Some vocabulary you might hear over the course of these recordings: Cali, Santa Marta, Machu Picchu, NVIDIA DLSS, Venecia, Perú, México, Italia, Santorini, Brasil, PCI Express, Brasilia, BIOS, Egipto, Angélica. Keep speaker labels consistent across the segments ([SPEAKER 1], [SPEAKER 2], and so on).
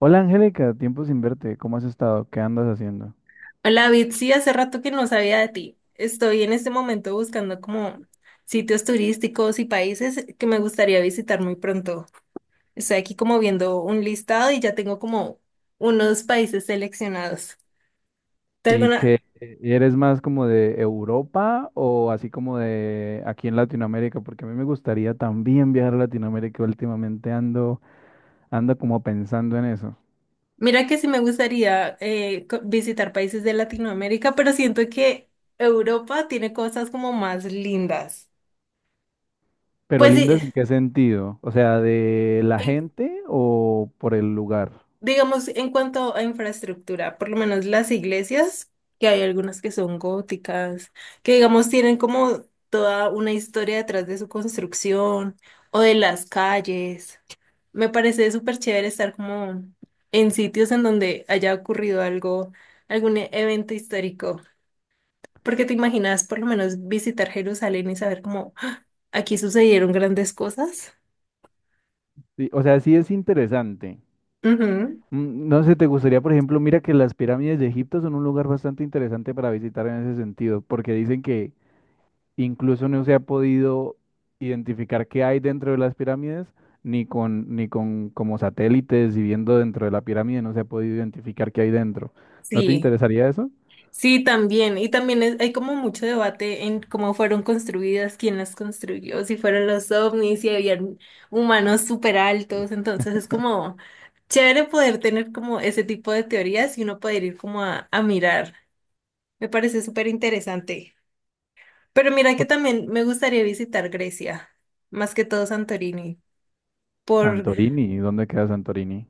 [SPEAKER 1] Hola Angélica, tiempo sin verte, ¿cómo has estado? ¿Qué andas haciendo?
[SPEAKER 2] Hola, Bitsy, hace rato que no sabía de ti. Estoy en este momento buscando como sitios turísticos y países que me gustaría visitar muy pronto. Estoy aquí como viendo un listado y ya tengo como unos países seleccionados. ¿Te
[SPEAKER 1] ¿Y
[SPEAKER 2] alguna?
[SPEAKER 1] que eres más como de Europa o así como de aquí en Latinoamérica? Porque a mí me gustaría también viajar a Latinoamérica, últimamente ando como pensando en eso.
[SPEAKER 2] Mira que sí me gustaría visitar países de Latinoamérica, pero siento que Europa tiene cosas como más lindas.
[SPEAKER 1] Pero
[SPEAKER 2] Pues
[SPEAKER 1] lindas, ¿en qué sentido? O sea, ¿de la
[SPEAKER 2] sí,
[SPEAKER 1] gente o por el lugar?
[SPEAKER 2] digamos, en cuanto a infraestructura, por lo menos las iglesias, que hay algunas que son góticas, que digamos tienen como toda una historia detrás de su construcción o de las calles. Me parece súper chévere estar como en sitios en donde haya ocurrido algo, algún evento histórico, porque te imaginas por lo menos visitar Jerusalén y saber cómo ¡ah! Aquí sucedieron grandes cosas.
[SPEAKER 1] Sí, o sea, sí es interesante.
[SPEAKER 2] Ujú,
[SPEAKER 1] No sé, ¿te gustaría, por ejemplo, mira que las pirámides de Egipto son un lugar bastante interesante para visitar en ese sentido, porque dicen que incluso no se ha podido identificar qué hay dentro de las pirámides, ni con como satélites y viendo dentro de la pirámide no se ha podido identificar qué hay dentro. ¿No te
[SPEAKER 2] sí.
[SPEAKER 1] interesaría eso?
[SPEAKER 2] Sí, también. Y también hay como mucho debate en cómo fueron construidas, quién las construyó, si fueron los ovnis, si habían humanos súper altos. Entonces es como chévere poder tener como ese tipo de teorías y uno poder ir como a mirar. Me parece súper interesante. Pero mira que
[SPEAKER 1] O-
[SPEAKER 2] también me gustaría visitar Grecia, más que todo Santorini, por
[SPEAKER 1] Santorini, ¿dónde queda Santorini?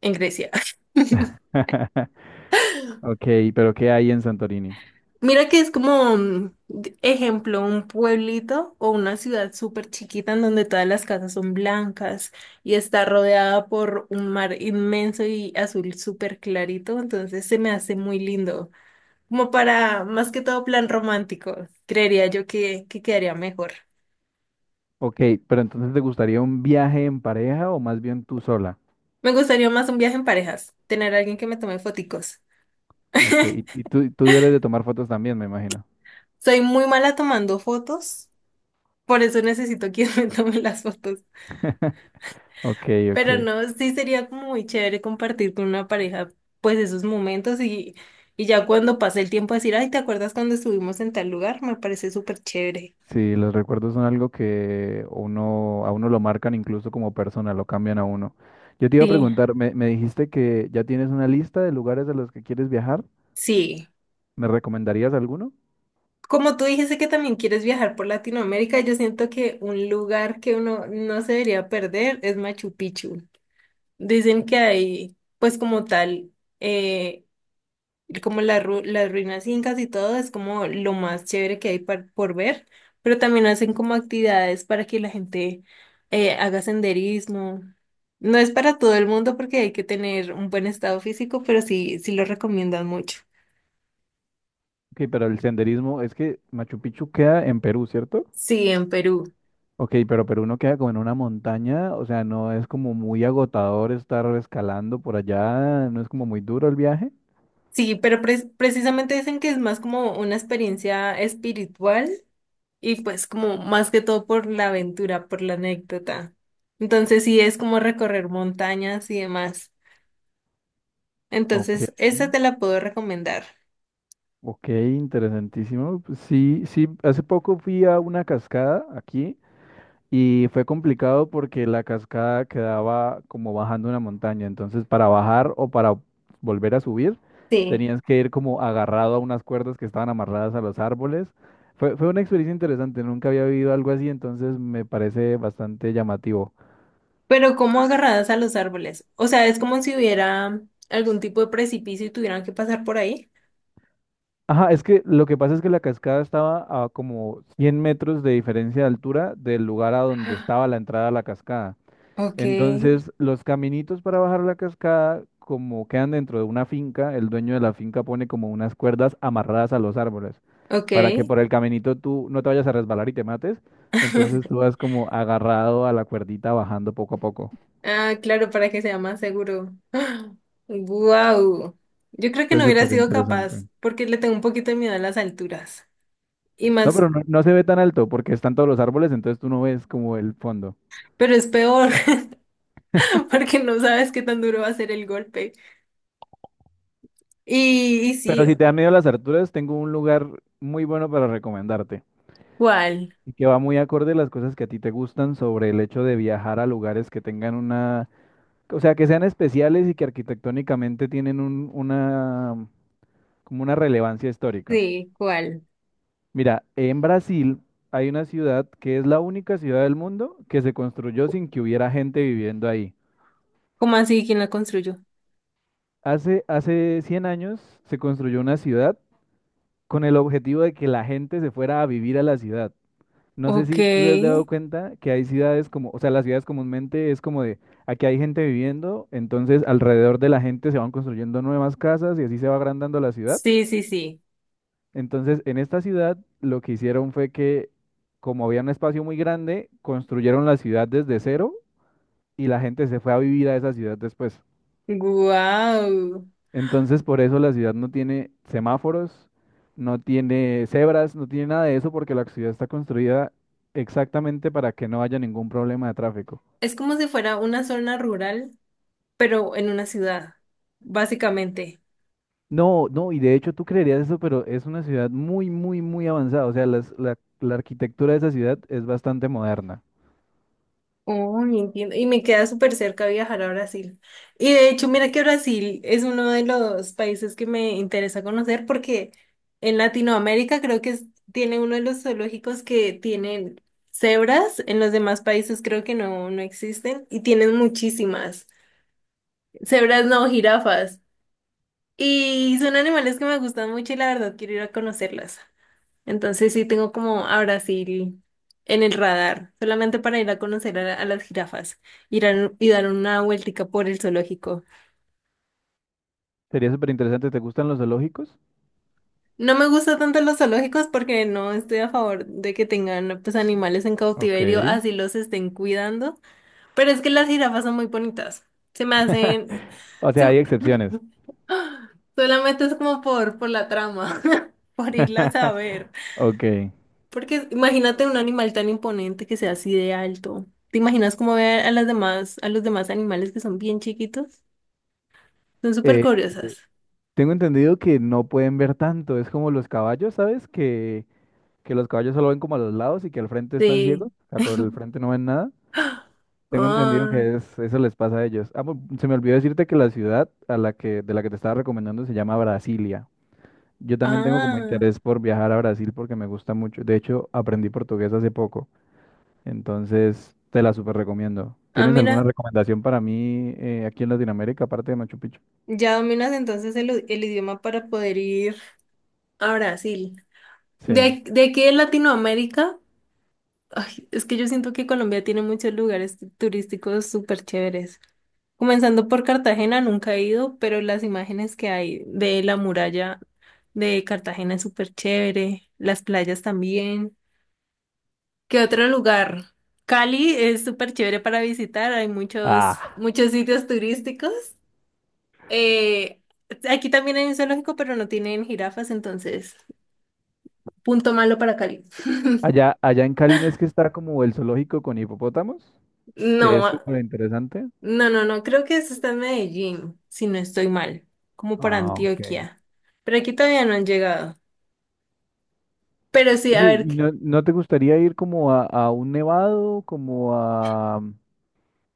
[SPEAKER 2] en Grecia.
[SPEAKER 1] Ok, pero ¿qué hay en Santorini?
[SPEAKER 2] Mira que es como, ejemplo, un pueblito o una ciudad súper chiquita en donde todas las casas son blancas y está rodeada por un mar inmenso y azul súper clarito, entonces se me hace muy lindo, como para más que todo plan romántico, creería yo que quedaría mejor.
[SPEAKER 1] Ok, pero entonces ¿te gustaría un viaje en pareja o más bien tú sola?
[SPEAKER 2] Me gustaría más un viaje en parejas, tener a alguien que me tome foticos.
[SPEAKER 1] Ok, y tú eres de tomar fotos también, me imagino.
[SPEAKER 2] Soy muy mala tomando fotos, por eso necesito quien me tome las fotos.
[SPEAKER 1] Ok, ok.
[SPEAKER 2] Pero no, sí sería como muy chévere compartir con una pareja pues esos momentos y ya cuando pase el tiempo decir, ay, ¿te acuerdas cuando estuvimos en tal lugar? Me parece súper chévere.
[SPEAKER 1] Sí, los recuerdos son algo que uno, a uno lo marcan incluso como persona, lo cambian a uno. Yo te iba a
[SPEAKER 2] Sí,
[SPEAKER 1] preguntar, me dijiste que ya tienes una lista de lugares a los que quieres viajar.
[SPEAKER 2] sí.
[SPEAKER 1] ¿Me recomendarías alguno?
[SPEAKER 2] Como tú dijiste que también quieres viajar por Latinoamérica, yo siento que un lugar que uno no se debería perder es Machu Picchu. Dicen que hay pues como tal, eh, como las ruinas incas y todo es como lo más chévere que hay, por ver, pero también hacen como actividades para que la gente haga senderismo. No es para todo el mundo porque hay que tener un buen estado físico, pero sí, sí lo recomiendan mucho.
[SPEAKER 1] Ok, pero el senderismo es que Machu Picchu queda en Perú, ¿cierto?
[SPEAKER 2] Sí, en Perú.
[SPEAKER 1] Ok, pero Perú no queda como en una montaña, o sea, no es como muy agotador estar escalando por allá, no es como muy duro el viaje.
[SPEAKER 2] Sí, pero precisamente dicen que es más como una experiencia espiritual y pues como más que todo por la aventura, por la anécdota. Entonces sí es como recorrer montañas y demás.
[SPEAKER 1] Ok,
[SPEAKER 2] Entonces, esa te la puedo recomendar.
[SPEAKER 1] ok, interesantísimo. Pues sí, sí, hace poco fui a una cascada aquí y fue complicado porque la cascada quedaba como bajando una montaña. Entonces, para bajar o para volver a subir,
[SPEAKER 2] Sí.
[SPEAKER 1] tenías que ir como agarrado a unas cuerdas que estaban amarradas a los árboles. Fue una experiencia interesante, nunca había vivido algo así, entonces me parece bastante llamativo.
[SPEAKER 2] Pero como agarradas a los árboles. O sea, es como si hubiera algún tipo de precipicio y tuvieran que pasar por ahí.
[SPEAKER 1] Ajá, es que lo que pasa es que la cascada estaba a como 100 metros de diferencia de altura del lugar a donde
[SPEAKER 2] Ah,
[SPEAKER 1] estaba la entrada a la cascada.
[SPEAKER 2] ok.
[SPEAKER 1] Entonces, los caminitos para bajar la cascada, como quedan dentro de una finca, el dueño de la finca pone como unas cuerdas amarradas a los árboles
[SPEAKER 2] Ok.
[SPEAKER 1] para que por el caminito tú no te vayas a resbalar y te mates. Entonces tú vas como agarrado a la cuerdita bajando poco a poco.
[SPEAKER 2] Ah, claro, para que sea más seguro. Wow. Yo creo que
[SPEAKER 1] Fue
[SPEAKER 2] no hubiera
[SPEAKER 1] súper
[SPEAKER 2] sido
[SPEAKER 1] interesante.
[SPEAKER 2] capaz porque le tengo un poquito de miedo a las alturas. Y
[SPEAKER 1] No,
[SPEAKER 2] más,
[SPEAKER 1] pero no, no se ve tan alto porque están todos los árboles, entonces tú no ves como el fondo.
[SPEAKER 2] pero es peor porque no sabes qué tan duro va a ser el golpe. Y
[SPEAKER 1] Pero
[SPEAKER 2] sí,
[SPEAKER 1] si te da miedo las alturas, tengo un lugar muy bueno para recomendarte.
[SPEAKER 2] ¿cuál?
[SPEAKER 1] Y que va muy acorde a las cosas que a ti te gustan sobre el hecho de viajar a lugares que tengan una, o sea, que sean especiales y que arquitectónicamente tienen una, como una relevancia histórica.
[SPEAKER 2] Sí, ¿cuál?
[SPEAKER 1] Mira, en Brasil hay una ciudad que es la única ciudad del mundo que se construyó sin que hubiera gente viviendo ahí.
[SPEAKER 2] ¿Cómo así? ¿Quién la construyó?
[SPEAKER 1] Hace 100 años se construyó una ciudad con el objetivo de que la gente se fuera a vivir a la ciudad. No sé
[SPEAKER 2] Ok.
[SPEAKER 1] si tú te has dado cuenta que hay ciudades como, o sea, las ciudades comúnmente es como de, aquí hay gente viviendo, entonces alrededor de la gente se van construyendo nuevas casas y así se va agrandando la ciudad.
[SPEAKER 2] Sí, sí, sí.
[SPEAKER 1] Entonces, en esta ciudad lo que hicieron fue que, como había un espacio muy grande, construyeron la ciudad desde cero y la gente se fue a vivir a esa ciudad después.
[SPEAKER 2] Guau.
[SPEAKER 1] Entonces, por eso la ciudad no tiene semáforos, no tiene cebras, no tiene nada de eso porque la ciudad está construida exactamente para que no haya ningún problema de tráfico.
[SPEAKER 2] Es como si fuera una zona rural, pero en una ciudad, básicamente.
[SPEAKER 1] No, no, y de hecho tú creerías eso, pero es una ciudad muy, muy, muy avanzada. O sea, la arquitectura de esa ciudad es bastante moderna.
[SPEAKER 2] Oh, entiendo. Y me queda súper cerca viajar a Brasil. Y de hecho, mira que Brasil es uno de los países que me interesa conocer porque en Latinoamérica creo que tiene uno de los zoológicos que tienen cebras. En los demás países creo que no, no existen, y tienen muchísimas. Cebras no, jirafas. Y son animales que me gustan mucho y la verdad quiero ir a conocerlas. Entonces sí tengo como a Brasil en el radar, solamente para ir a conocer a las jirafas, y dar una vueltica por el zoológico.
[SPEAKER 1] Sería súper interesante. ¿Te gustan los zoológicos?
[SPEAKER 2] No me gusta tanto los zoológicos porque no estoy a favor de que tengan pues animales en cautiverio,
[SPEAKER 1] Ok.
[SPEAKER 2] así los estén cuidando, pero es que las jirafas son muy bonitas. Se me hacen…
[SPEAKER 1] O sea,
[SPEAKER 2] se-
[SPEAKER 1] hay excepciones.
[SPEAKER 2] Solamente es como por la trama, por irlas a ver.
[SPEAKER 1] Ok.
[SPEAKER 2] Porque imagínate un animal tan imponente que sea así de alto. ¿Te imaginas cómo ve a las demás, a los demás animales que son bien chiquitos? Son súper
[SPEAKER 1] Eh,
[SPEAKER 2] curiosas.
[SPEAKER 1] tengo entendido que no pueden ver tanto. Es como los caballos, ¿sabes? Que los caballos solo ven como a los lados y que al frente están ciegos.
[SPEAKER 2] Sí.
[SPEAKER 1] O sea, por el frente no ven nada. Tengo entendido
[SPEAKER 2] Ah,
[SPEAKER 1] que es, eso les pasa a ellos. Ah, se me olvidó decirte que la ciudad a la que, de la que te estaba recomendando se llama Brasilia. Yo también tengo como
[SPEAKER 2] ah,
[SPEAKER 1] interés por viajar a Brasil porque me gusta mucho. De hecho, aprendí portugués hace poco, entonces te la súper recomiendo.
[SPEAKER 2] ah,
[SPEAKER 1] ¿Tienes alguna
[SPEAKER 2] mira.
[SPEAKER 1] recomendación para mí aquí en Latinoamérica, aparte de Machu Picchu?
[SPEAKER 2] Ya dominas entonces el idioma para poder ir a Brasil.
[SPEAKER 1] Sí.
[SPEAKER 2] De aquí de Latinoamérica, ay, es que yo siento que Colombia tiene muchos lugares turísticos súper chéveres. Comenzando por Cartagena, nunca he ido, pero las imágenes que hay de la muralla de Cartagena es súper chévere, las playas también. ¿Qué otro lugar? Cali es súper chévere para visitar, hay muchos,
[SPEAKER 1] Ah,
[SPEAKER 2] muchos sitios turísticos. Eh, aquí también hay un zoológico, pero no tienen jirafas, entonces, punto malo para Cali.
[SPEAKER 1] allá en Cali no es que está como el zoológico con hipopótamos, que es
[SPEAKER 2] No,
[SPEAKER 1] súper interesante.
[SPEAKER 2] no, no, no, creo que eso está en Medellín, si no estoy mal, como para
[SPEAKER 1] Ah, ok.
[SPEAKER 2] Antioquia, pero aquí todavía no han llegado. Pero sí, a
[SPEAKER 1] Oye,
[SPEAKER 2] ver,
[SPEAKER 1] ¿y no te gustaría ir como a un nevado, como a,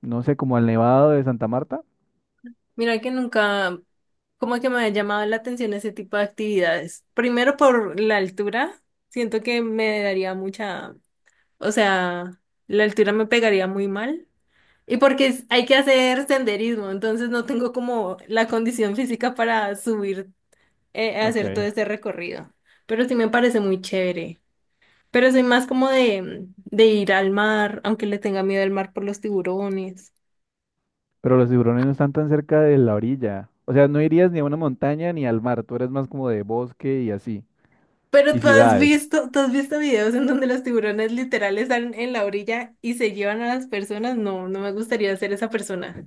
[SPEAKER 1] no sé, como al nevado de Santa Marta?
[SPEAKER 2] mira que nunca, como que me ha llamado la atención ese tipo de actividades. Primero por la altura, siento que me daría mucha, o sea, la altura me pegaría muy mal. Y porque hay que hacer senderismo, entonces no tengo como la condición física para subir, hacer todo
[SPEAKER 1] Ok.
[SPEAKER 2] ese recorrido. Pero sí me parece muy chévere. Pero soy más como de ir al mar, aunque le tenga miedo al mar por los tiburones.
[SPEAKER 1] Pero los tiburones no están tan cerca de la orilla. O sea, no irías ni a una montaña ni al mar, tú eres más como de bosque y así,
[SPEAKER 2] Pero
[SPEAKER 1] y ciudades.
[SPEAKER 2] tú has visto videos en donde los tiburones literal están en la orilla y se llevan a las personas. No, no me gustaría ser esa persona.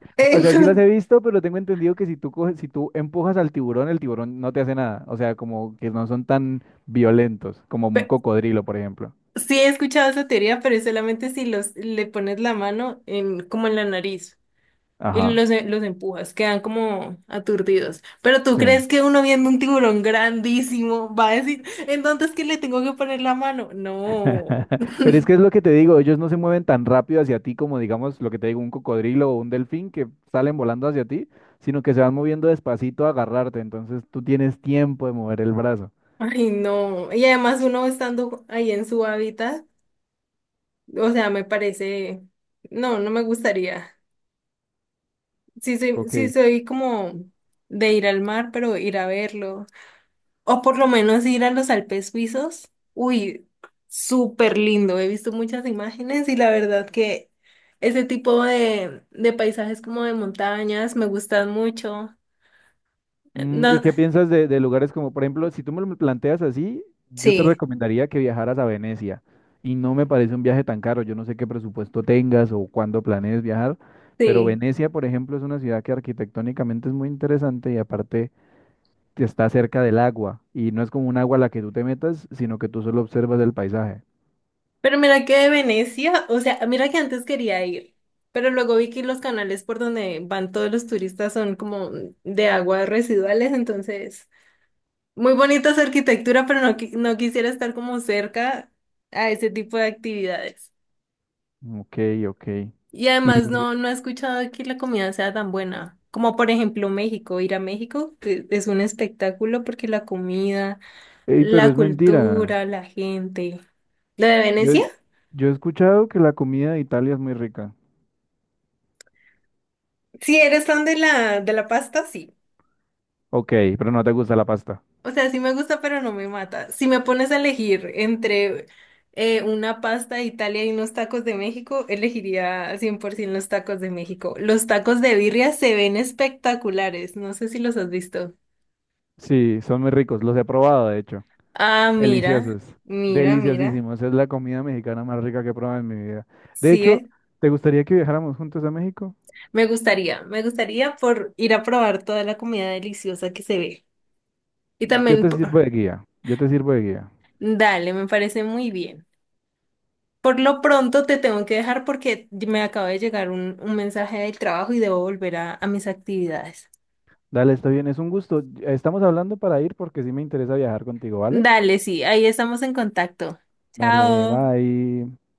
[SPEAKER 1] O sea, sí las he
[SPEAKER 2] Entonces,
[SPEAKER 1] visto, pero tengo entendido que si tú coges, si tú empujas al tiburón, el tiburón no te hace nada. O sea, como que no son tan violentos, como un
[SPEAKER 2] pe-
[SPEAKER 1] cocodrilo, por ejemplo.
[SPEAKER 2] sí he escuchado esa teoría, pero es solamente si los le pones la mano en, como en la nariz y
[SPEAKER 1] Ajá,
[SPEAKER 2] los, los empujas, quedan como aturdidos. Pero tú
[SPEAKER 1] sí.
[SPEAKER 2] crees que uno viendo un tiburón grandísimo va a decir, entonces que le tengo que poner la mano. No,
[SPEAKER 1] Pero es que es lo que te digo, ellos no se mueven tan rápido hacia ti como, digamos, lo que te digo, un cocodrilo o un delfín que salen volando hacia ti, sino que se van moviendo despacito a agarrarte. Entonces tú tienes tiempo de mover el brazo.
[SPEAKER 2] ay no. Y además uno estando ahí en su hábitat. O sea, me parece, no, no me gustaría. Sí
[SPEAKER 1] Ok.
[SPEAKER 2] soy como de ir al mar, pero ir a verlo. O por lo menos ir a los Alpes suizos. Uy, súper lindo. He visto muchas imágenes y la verdad que ese tipo de paisajes como de montañas me gustan mucho.
[SPEAKER 1] ¿Y
[SPEAKER 2] No,
[SPEAKER 1] qué piensas de lugares como, por ejemplo, si tú me lo planteas así, yo te
[SPEAKER 2] sí,
[SPEAKER 1] recomendaría que viajaras a Venecia. Y no me parece un viaje tan caro. Yo no sé qué presupuesto tengas o cuándo planees viajar, pero
[SPEAKER 2] sí.
[SPEAKER 1] Venecia, por ejemplo, es una ciudad que arquitectónicamente es muy interesante y aparte que está cerca del agua. Y no es como un agua a la que tú te metas, sino que tú solo observas el paisaje.
[SPEAKER 2] Pero mira que de Venecia, o sea, mira que antes quería ir, pero luego vi que los canales por donde van todos los turistas son como de aguas residuales, entonces muy bonita su arquitectura, pero no, no quisiera estar como cerca a ese tipo de actividades.
[SPEAKER 1] Ok, ok.
[SPEAKER 2] Y además
[SPEAKER 1] Y,
[SPEAKER 2] no, no he escuchado que la comida sea tan buena, como por ejemplo México. Ir a México es un espectáculo porque la comida,
[SPEAKER 1] ey, pero
[SPEAKER 2] la
[SPEAKER 1] es mentira.
[SPEAKER 2] cultura, la gente. ¿La de
[SPEAKER 1] Yo,
[SPEAKER 2] Venecia?
[SPEAKER 1] yo he escuchado que la comida de Italia es muy rica.
[SPEAKER 2] Si eres fan de la pasta, sí.
[SPEAKER 1] Ok, pero no te gusta la pasta.
[SPEAKER 2] O sea, sí me gusta, pero no me mata. Si me pones a elegir entre una pasta de Italia y unos tacos de México, elegiría 100% los tacos de México. Los tacos de birria se ven espectaculares. No sé si los has visto.
[SPEAKER 1] Sí, son muy ricos, los he probado, de hecho.
[SPEAKER 2] Ah, mira,
[SPEAKER 1] Deliciosos,
[SPEAKER 2] mira, mira.
[SPEAKER 1] deliciosísimos. Es la comida mexicana más rica que he probado en mi vida. De hecho,
[SPEAKER 2] Sigue.
[SPEAKER 1] ¿te gustaría que viajáramos juntos a México?
[SPEAKER 2] Me gustaría por ir a probar toda la comida deliciosa que se ve. Y
[SPEAKER 1] Yo
[SPEAKER 2] también,
[SPEAKER 1] te sirvo de guía, yo te sirvo de guía.
[SPEAKER 2] dale, me parece muy bien. Por lo pronto te tengo que dejar porque me acaba de llegar un mensaje del trabajo y debo volver a mis actividades.
[SPEAKER 1] Dale, está bien, es un gusto. Estamos hablando para ir porque sí me interesa viajar contigo, ¿vale?
[SPEAKER 2] Dale, sí, ahí estamos en contacto.
[SPEAKER 1] Vale,
[SPEAKER 2] Chao.
[SPEAKER 1] bye.